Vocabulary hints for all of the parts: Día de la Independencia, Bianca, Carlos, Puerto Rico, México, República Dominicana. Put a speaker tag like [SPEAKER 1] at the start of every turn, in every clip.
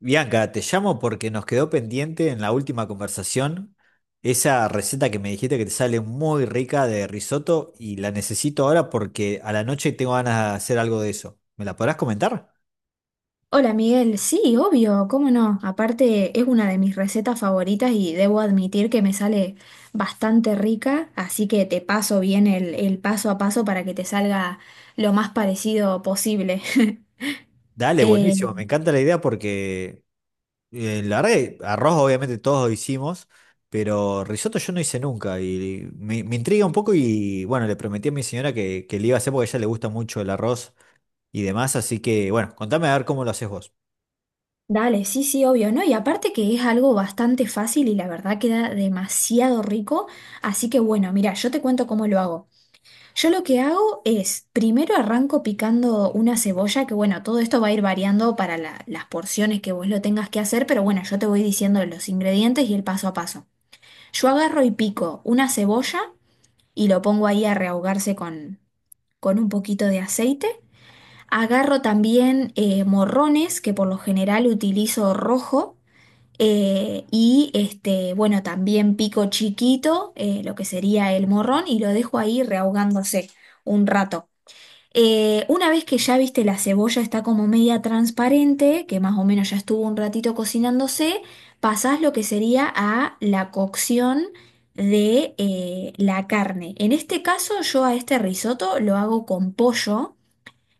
[SPEAKER 1] Bianca, te llamo porque nos quedó pendiente en la última conversación esa receta que me dijiste que te sale muy rica de risotto y la necesito ahora porque a la noche tengo ganas de hacer algo de eso. ¿Me la podrás comentar?
[SPEAKER 2] Hola Miguel, sí, obvio, cómo no. Aparte es una de mis recetas favoritas y debo admitir que me sale bastante rica, así que te paso bien el paso a paso para que te salga lo más parecido posible.
[SPEAKER 1] Dale,
[SPEAKER 2] Eh,
[SPEAKER 1] buenísimo, me encanta la idea porque la verdad que arroz obviamente todos lo hicimos, pero risotto yo no hice nunca y me intriga un poco y bueno, le prometí a mi señora que le iba a hacer porque a ella le gusta mucho el arroz y demás, así que bueno, contame a ver cómo lo haces vos.
[SPEAKER 2] Dale, sí, sí, obvio, ¿no? Y aparte que es algo bastante fácil y la verdad queda demasiado rico, así que bueno, mira, yo te cuento cómo lo hago. Yo lo que hago es, primero arranco picando una cebolla, que bueno, todo esto va a ir variando para las porciones que vos lo tengas que hacer, pero bueno, yo te voy diciendo los ingredientes y el paso a paso. Yo agarro y pico una cebolla y lo pongo ahí a rehogarse con un poquito de aceite. Agarro también morrones, que por lo general utilizo rojo. Y este, bueno, también pico chiquito, lo que sería el morrón, y lo dejo ahí rehogándose un rato. Una vez que ya viste la cebolla está como media transparente, que más o menos ya estuvo un ratito cocinándose, pasás lo que sería a la cocción de la carne. En este caso yo a este risotto lo hago con pollo.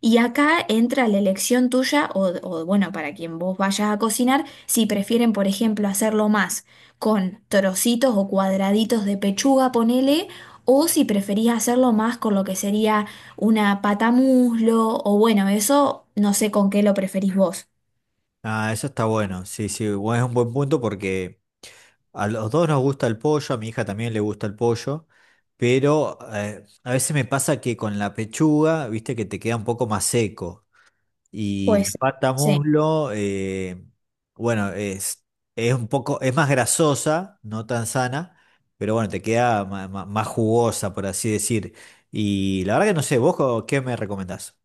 [SPEAKER 2] Y acá entra la elección tuya bueno, para quien vos vayas a cocinar, si prefieren, por ejemplo, hacerlo más con trocitos o cuadraditos de pechuga, ponele, o si preferís hacerlo más con lo que sería una pata muslo, o bueno, eso no sé con qué lo preferís vos.
[SPEAKER 1] Ah, eso está bueno. Sí, sí, es un buen punto porque a los dos nos gusta el pollo, a mi hija también le gusta el pollo, pero a veces me pasa que con la pechuga, viste que te queda un poco más seco y la
[SPEAKER 2] Pues
[SPEAKER 1] pata
[SPEAKER 2] sí.
[SPEAKER 1] muslo, bueno, es un poco, es más grasosa, no tan sana, pero bueno, te queda más jugosa, por así decir. Y la verdad que no sé, ¿vos qué me recomendás?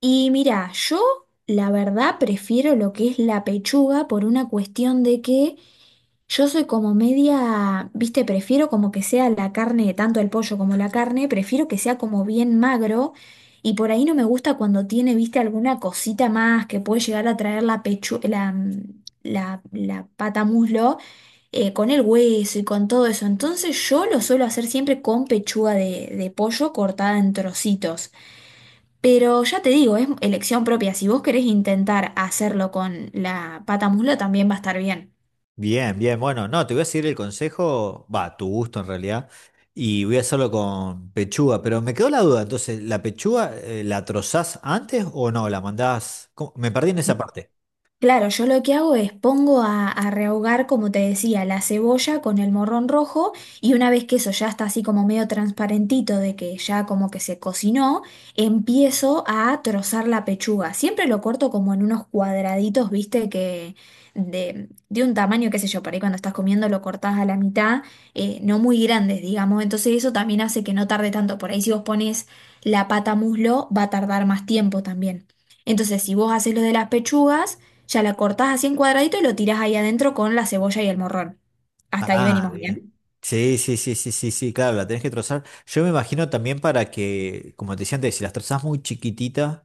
[SPEAKER 2] Y mira, yo la verdad prefiero lo que es la pechuga por una cuestión de que yo soy como media, viste, prefiero como que sea la carne, tanto el pollo como la carne, prefiero que sea como bien magro y por ahí no me gusta cuando tiene, viste, alguna cosita más que puede llegar a traer la pechu, la, mm, la pata muslo con el hueso y con todo eso. Entonces yo lo suelo hacer siempre con pechuga de pollo cortada en trocitos. Pero ya te digo, es elección propia. Si vos querés intentar hacerlo con la pata muslo, también va a estar bien.
[SPEAKER 1] Bien, bien, bueno, no, te voy a seguir el consejo, va, a tu gusto en realidad, y voy a hacerlo con pechuga, pero me quedó la duda, entonces, ¿la pechuga la trozás antes o no? ¿La mandás? ¿Cómo? Me perdí en esa parte.
[SPEAKER 2] Claro, yo lo que hago es pongo a rehogar, como te decía, la cebolla con el morrón rojo y una vez que eso ya está así como medio transparentito de que ya como que se cocinó, empiezo a trozar la pechuga. Siempre lo corto como en unos cuadraditos, viste, que de un tamaño, qué sé yo, por ahí cuando estás comiendo lo cortás a la mitad, no muy grandes, digamos. Entonces eso también hace que no tarde tanto. Por ahí si vos pones la pata muslo, va a tardar más tiempo también. Entonces si vos haces lo de las pechugas... Ya la cortás así en cuadradito y lo tirás ahí adentro con la cebolla y el morrón. Hasta ahí
[SPEAKER 1] Ah,
[SPEAKER 2] venimos
[SPEAKER 1] bien.
[SPEAKER 2] bien.
[SPEAKER 1] Sí, sí, sí, sí, sí, sí, claro, la tenés que trozar. Yo me imagino también para que, como te decía antes, si las trozás muy chiquititas,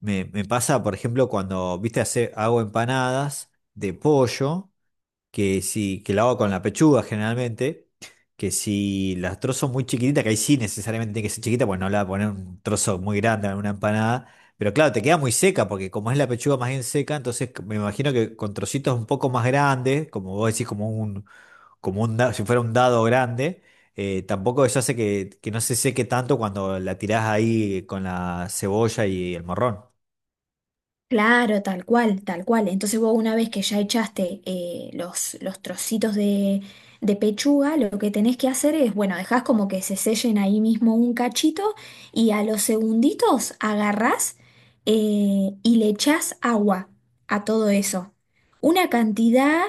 [SPEAKER 1] me pasa, por ejemplo, cuando, viste, hago empanadas de pollo. Que si, que lo hago con la pechuga generalmente, que si las trozos muy chiquititas, que ahí sí necesariamente tiene que ser chiquita, pues no le voy a poner un trozo muy grande en una empanada, pero claro, te queda muy seca, porque como es la pechuga más bien seca, entonces me imagino que con trocitos un poco más grandes, como vos decís, como un, si fuera un dado grande, tampoco eso hace que no se seque tanto cuando la tirás ahí con la cebolla y el morrón.
[SPEAKER 2] Claro, tal cual, tal cual. Entonces vos una vez que ya echaste los trocitos de pechuga, lo que tenés que hacer es, bueno, dejás como que se sellen ahí mismo un cachito y a los segunditos agarrás y le echás agua a todo eso. Una cantidad,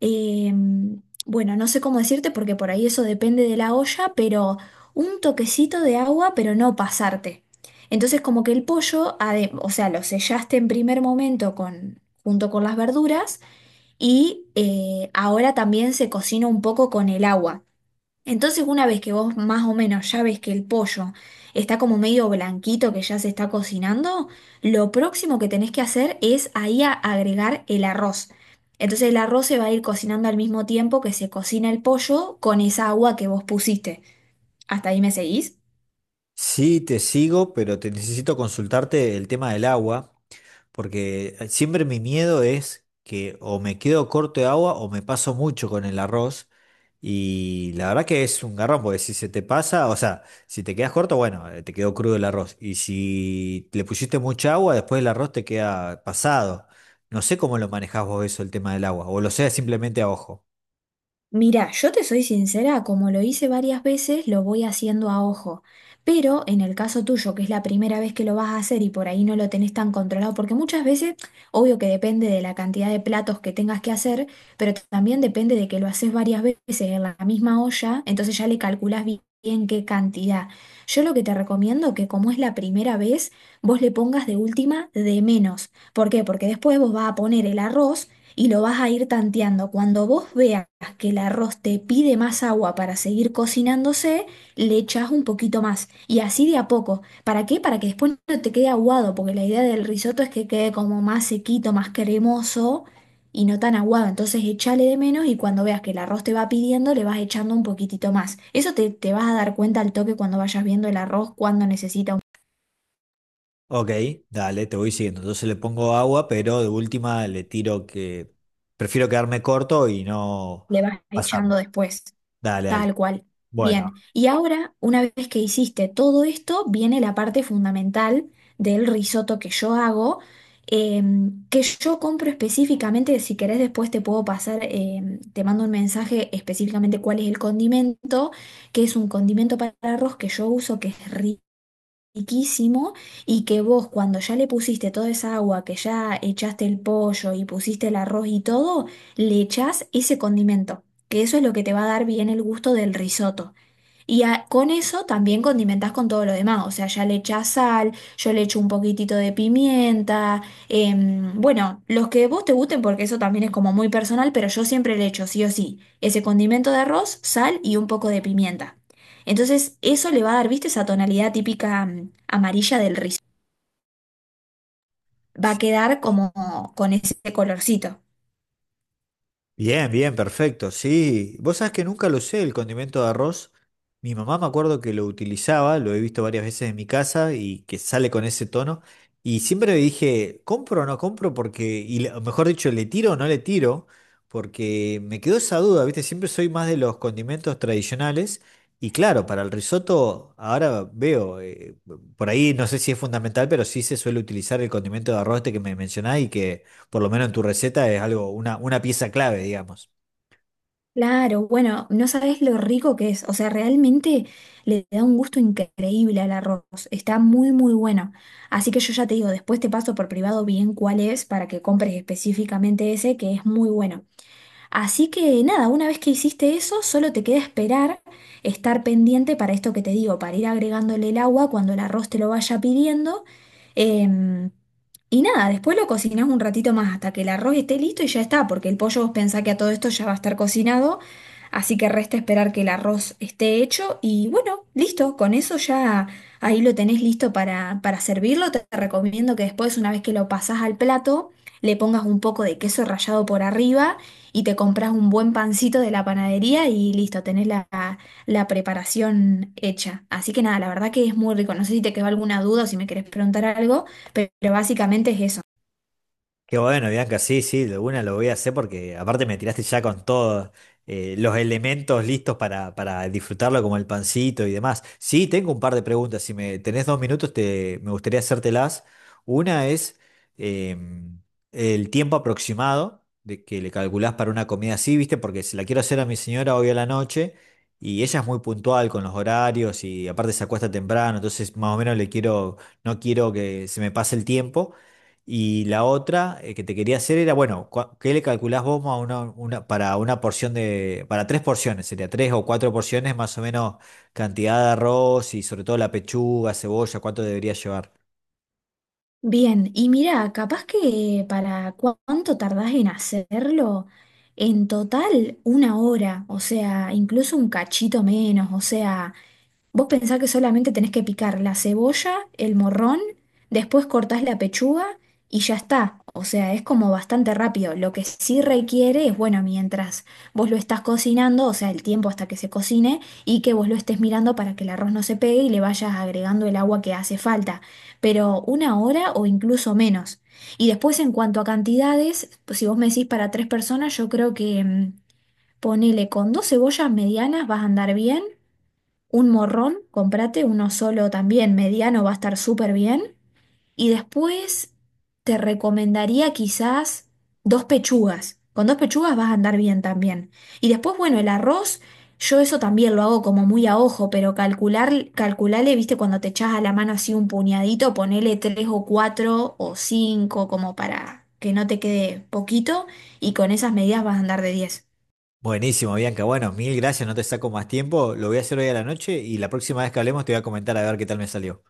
[SPEAKER 2] eh, bueno, no sé cómo decirte porque por ahí eso depende de la olla, pero un toquecito de agua, pero no pasarte. Entonces, como que el pollo, o sea, lo sellaste en primer momento con, junto con las verduras y ahora también se cocina un poco con el agua. Entonces, una vez que vos más o menos ya ves que el pollo está como medio blanquito, que ya se está cocinando, lo próximo que tenés que hacer es ahí agregar el arroz. Entonces, el arroz se va a ir cocinando al mismo tiempo que se cocina el pollo con esa agua que vos pusiste. ¿Hasta ahí me seguís?
[SPEAKER 1] Sí, te sigo, pero te necesito consultarte el tema del agua. Porque siempre mi miedo es que o me quedo corto de agua o me paso mucho con el arroz. Y la verdad que es un garrón, porque si se te pasa, o sea, si te quedas corto, bueno, te quedó crudo el arroz. Y si le pusiste mucha agua, después el arroz te queda pasado. No sé cómo lo manejás vos eso, el tema del agua. O lo sea simplemente a ojo.
[SPEAKER 2] Mira, yo te soy sincera, como lo hice varias veces, lo voy haciendo a ojo. Pero en el caso tuyo, que es la primera vez que lo vas a hacer y por ahí no lo tenés tan controlado, porque muchas veces, obvio que depende de la cantidad de platos que tengas que hacer, pero también depende de que lo haces varias veces en la misma olla, entonces ya le calculás bien qué cantidad. Yo lo que te recomiendo que como es la primera vez, vos le pongas de última de menos. ¿Por qué? Porque después vos vas a poner el arroz y lo vas a ir tanteando. Cuando vos veas que el arroz te pide más agua para seguir cocinándose, le echás un poquito más y así de a poco. ¿Para qué? Para que después no te quede aguado, porque la idea del risotto es que quede como más sequito, más cremoso y no tan aguado. Entonces échale de menos y cuando veas que el arroz te va pidiendo, le vas echando un poquitito más. Eso te vas a dar cuenta al toque cuando vayas viendo el arroz, cuando necesita un...
[SPEAKER 1] Ok, dale, te voy siguiendo. Entonces le pongo agua, pero de última le tiro que prefiero quedarme corto y no
[SPEAKER 2] le vas
[SPEAKER 1] pasarme.
[SPEAKER 2] echando después.
[SPEAKER 1] Dale, dale.
[SPEAKER 2] Tal cual.
[SPEAKER 1] Bueno.
[SPEAKER 2] Bien. Y ahora, una vez que hiciste todo esto, viene la parte fundamental del risotto que yo hago, que yo compro específicamente, si querés después te puedo pasar, te mando un mensaje específicamente cuál es el condimento, que es un condimento para arroz que yo uso, que es riquísimo riquísimo y que vos cuando ya le pusiste toda esa agua, que ya echaste el pollo y pusiste el arroz y todo, le echás ese condimento, que eso es lo que te va a dar bien el gusto del risotto. Y con eso también condimentás con todo lo demás, o sea, ya le echás sal, yo le echo un poquitito de pimienta, bueno, los que vos te gusten porque eso también es como muy personal, pero yo siempre le echo sí o sí ese condimento de arroz, sal y un poco de pimienta. Entonces eso le va a dar, viste, esa tonalidad típica amarilla del rizo. Va a
[SPEAKER 1] Sí.
[SPEAKER 2] quedar como con ese colorcito.
[SPEAKER 1] Bien, bien, perfecto. Sí, vos sabés que nunca lo usé el condimento de arroz. Mi mamá me acuerdo que lo utilizaba, lo he visto varias veces en mi casa y que sale con ese tono. Y siempre dije, ¿compro o no compro? Porque, y o mejor dicho, ¿le tiro o no le tiro? Porque me quedó esa duda, ¿viste? Siempre soy más de los condimentos tradicionales. Y claro, para el risotto, ahora veo, por ahí no sé si es fundamental, pero sí se suele utilizar el condimento de arroz este que me mencionás y que por lo menos en tu receta, es algo, una pieza clave, digamos.
[SPEAKER 2] Claro, bueno, no sabes lo rico que es. O sea, realmente le da un gusto increíble al arroz. Está muy, muy bueno. Así que yo ya te digo, después te paso por privado bien cuál es para que compres específicamente ese, que es muy bueno. Así que nada, una vez que hiciste eso, solo te queda esperar, estar pendiente para esto que te digo, para ir agregándole el agua cuando el arroz te lo vaya pidiendo. Em, y nada, después lo cocinás un ratito más hasta que el arroz esté listo y ya está, porque el pollo vos pensá que a todo esto ya va a estar cocinado, así que resta esperar que el arroz esté hecho y bueno, listo, con eso ya ahí lo tenés listo para servirlo. Te recomiendo que después, una vez que lo pasás al plato, le pongas un poco de queso rallado por arriba y te compras un buen pancito de la panadería y listo, tenés la, la preparación hecha. Así que nada, la verdad que es muy rico. No sé si te quedó alguna duda o si me querés preguntar algo, pero básicamente es eso.
[SPEAKER 1] Qué bueno, Bianca, sí, sí, de una lo voy a hacer porque aparte me tiraste ya con todos los elementos listos para disfrutarlo, como el pancito y demás. Sí, tengo un par de preguntas. Si me tenés 2 minutos, me gustaría hacértelas. Una es em, el tiempo aproximado de que le calculás para una comida así, ¿viste? Porque se la quiero hacer a mi señora hoy a la noche y ella es muy puntual con los horarios y aparte se acuesta temprano, entonces más o menos le quiero, no quiero que se me pase el tiempo. Y la otra que te quería hacer era, bueno, ¿qué le calculás vos a una, para una porción de, para 3 porciones? Sería 3 o 4 porciones, más o menos cantidad de arroz y sobre todo la pechuga, cebolla, ¿cuánto debería llevar?
[SPEAKER 2] Bien, y mira, capaz que para cuánto tardás en hacerlo, en total una hora, o sea, incluso un cachito menos, o sea... Vos pensás que solamente tenés que picar la cebolla, el morrón, después cortás la pechuga y ya está. O sea, es como bastante rápido. Lo que sí requiere es, bueno, mientras vos lo estás cocinando, o sea, el tiempo hasta que se cocine y que vos lo estés mirando para que el arroz no se pegue y le vayas agregando el agua que hace falta. Pero una hora o incluso menos. Y después en cuanto a cantidades, pues si vos me decís para tres personas, yo creo que ponele con dos cebollas medianas vas a andar bien un morrón, comprate uno solo también, mediano, va a estar súper bien. Y después te recomendaría quizás dos pechugas. Con dos pechugas vas a andar bien también. Y después, bueno, el arroz, yo eso también lo hago como muy a ojo, pero calcular, calculale, viste, cuando te echas a la mano así un puñadito, ponele tres o cuatro o cinco como para que no te quede poquito y con esas medidas vas a andar de diez.
[SPEAKER 1] Buenísimo, Bianca. Bueno, mil gracias, no te saco más tiempo. Lo voy a hacer hoy a la noche y la próxima vez que hablemos te voy a comentar a ver qué tal me salió.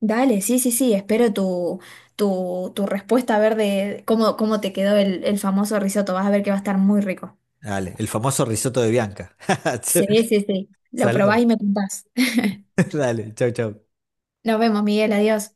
[SPEAKER 2] Dale, sí, sí, sí, espero tu respuesta a ver de cómo te quedó el famoso risotto. Vas a ver que va a estar muy rico.
[SPEAKER 1] Dale, el famoso risotto de Bianca.
[SPEAKER 2] Sí, sí, sí. Lo
[SPEAKER 1] Saludos.
[SPEAKER 2] probás y me contás.
[SPEAKER 1] Dale, chau, chau.
[SPEAKER 2] Nos vemos, Miguel, adiós.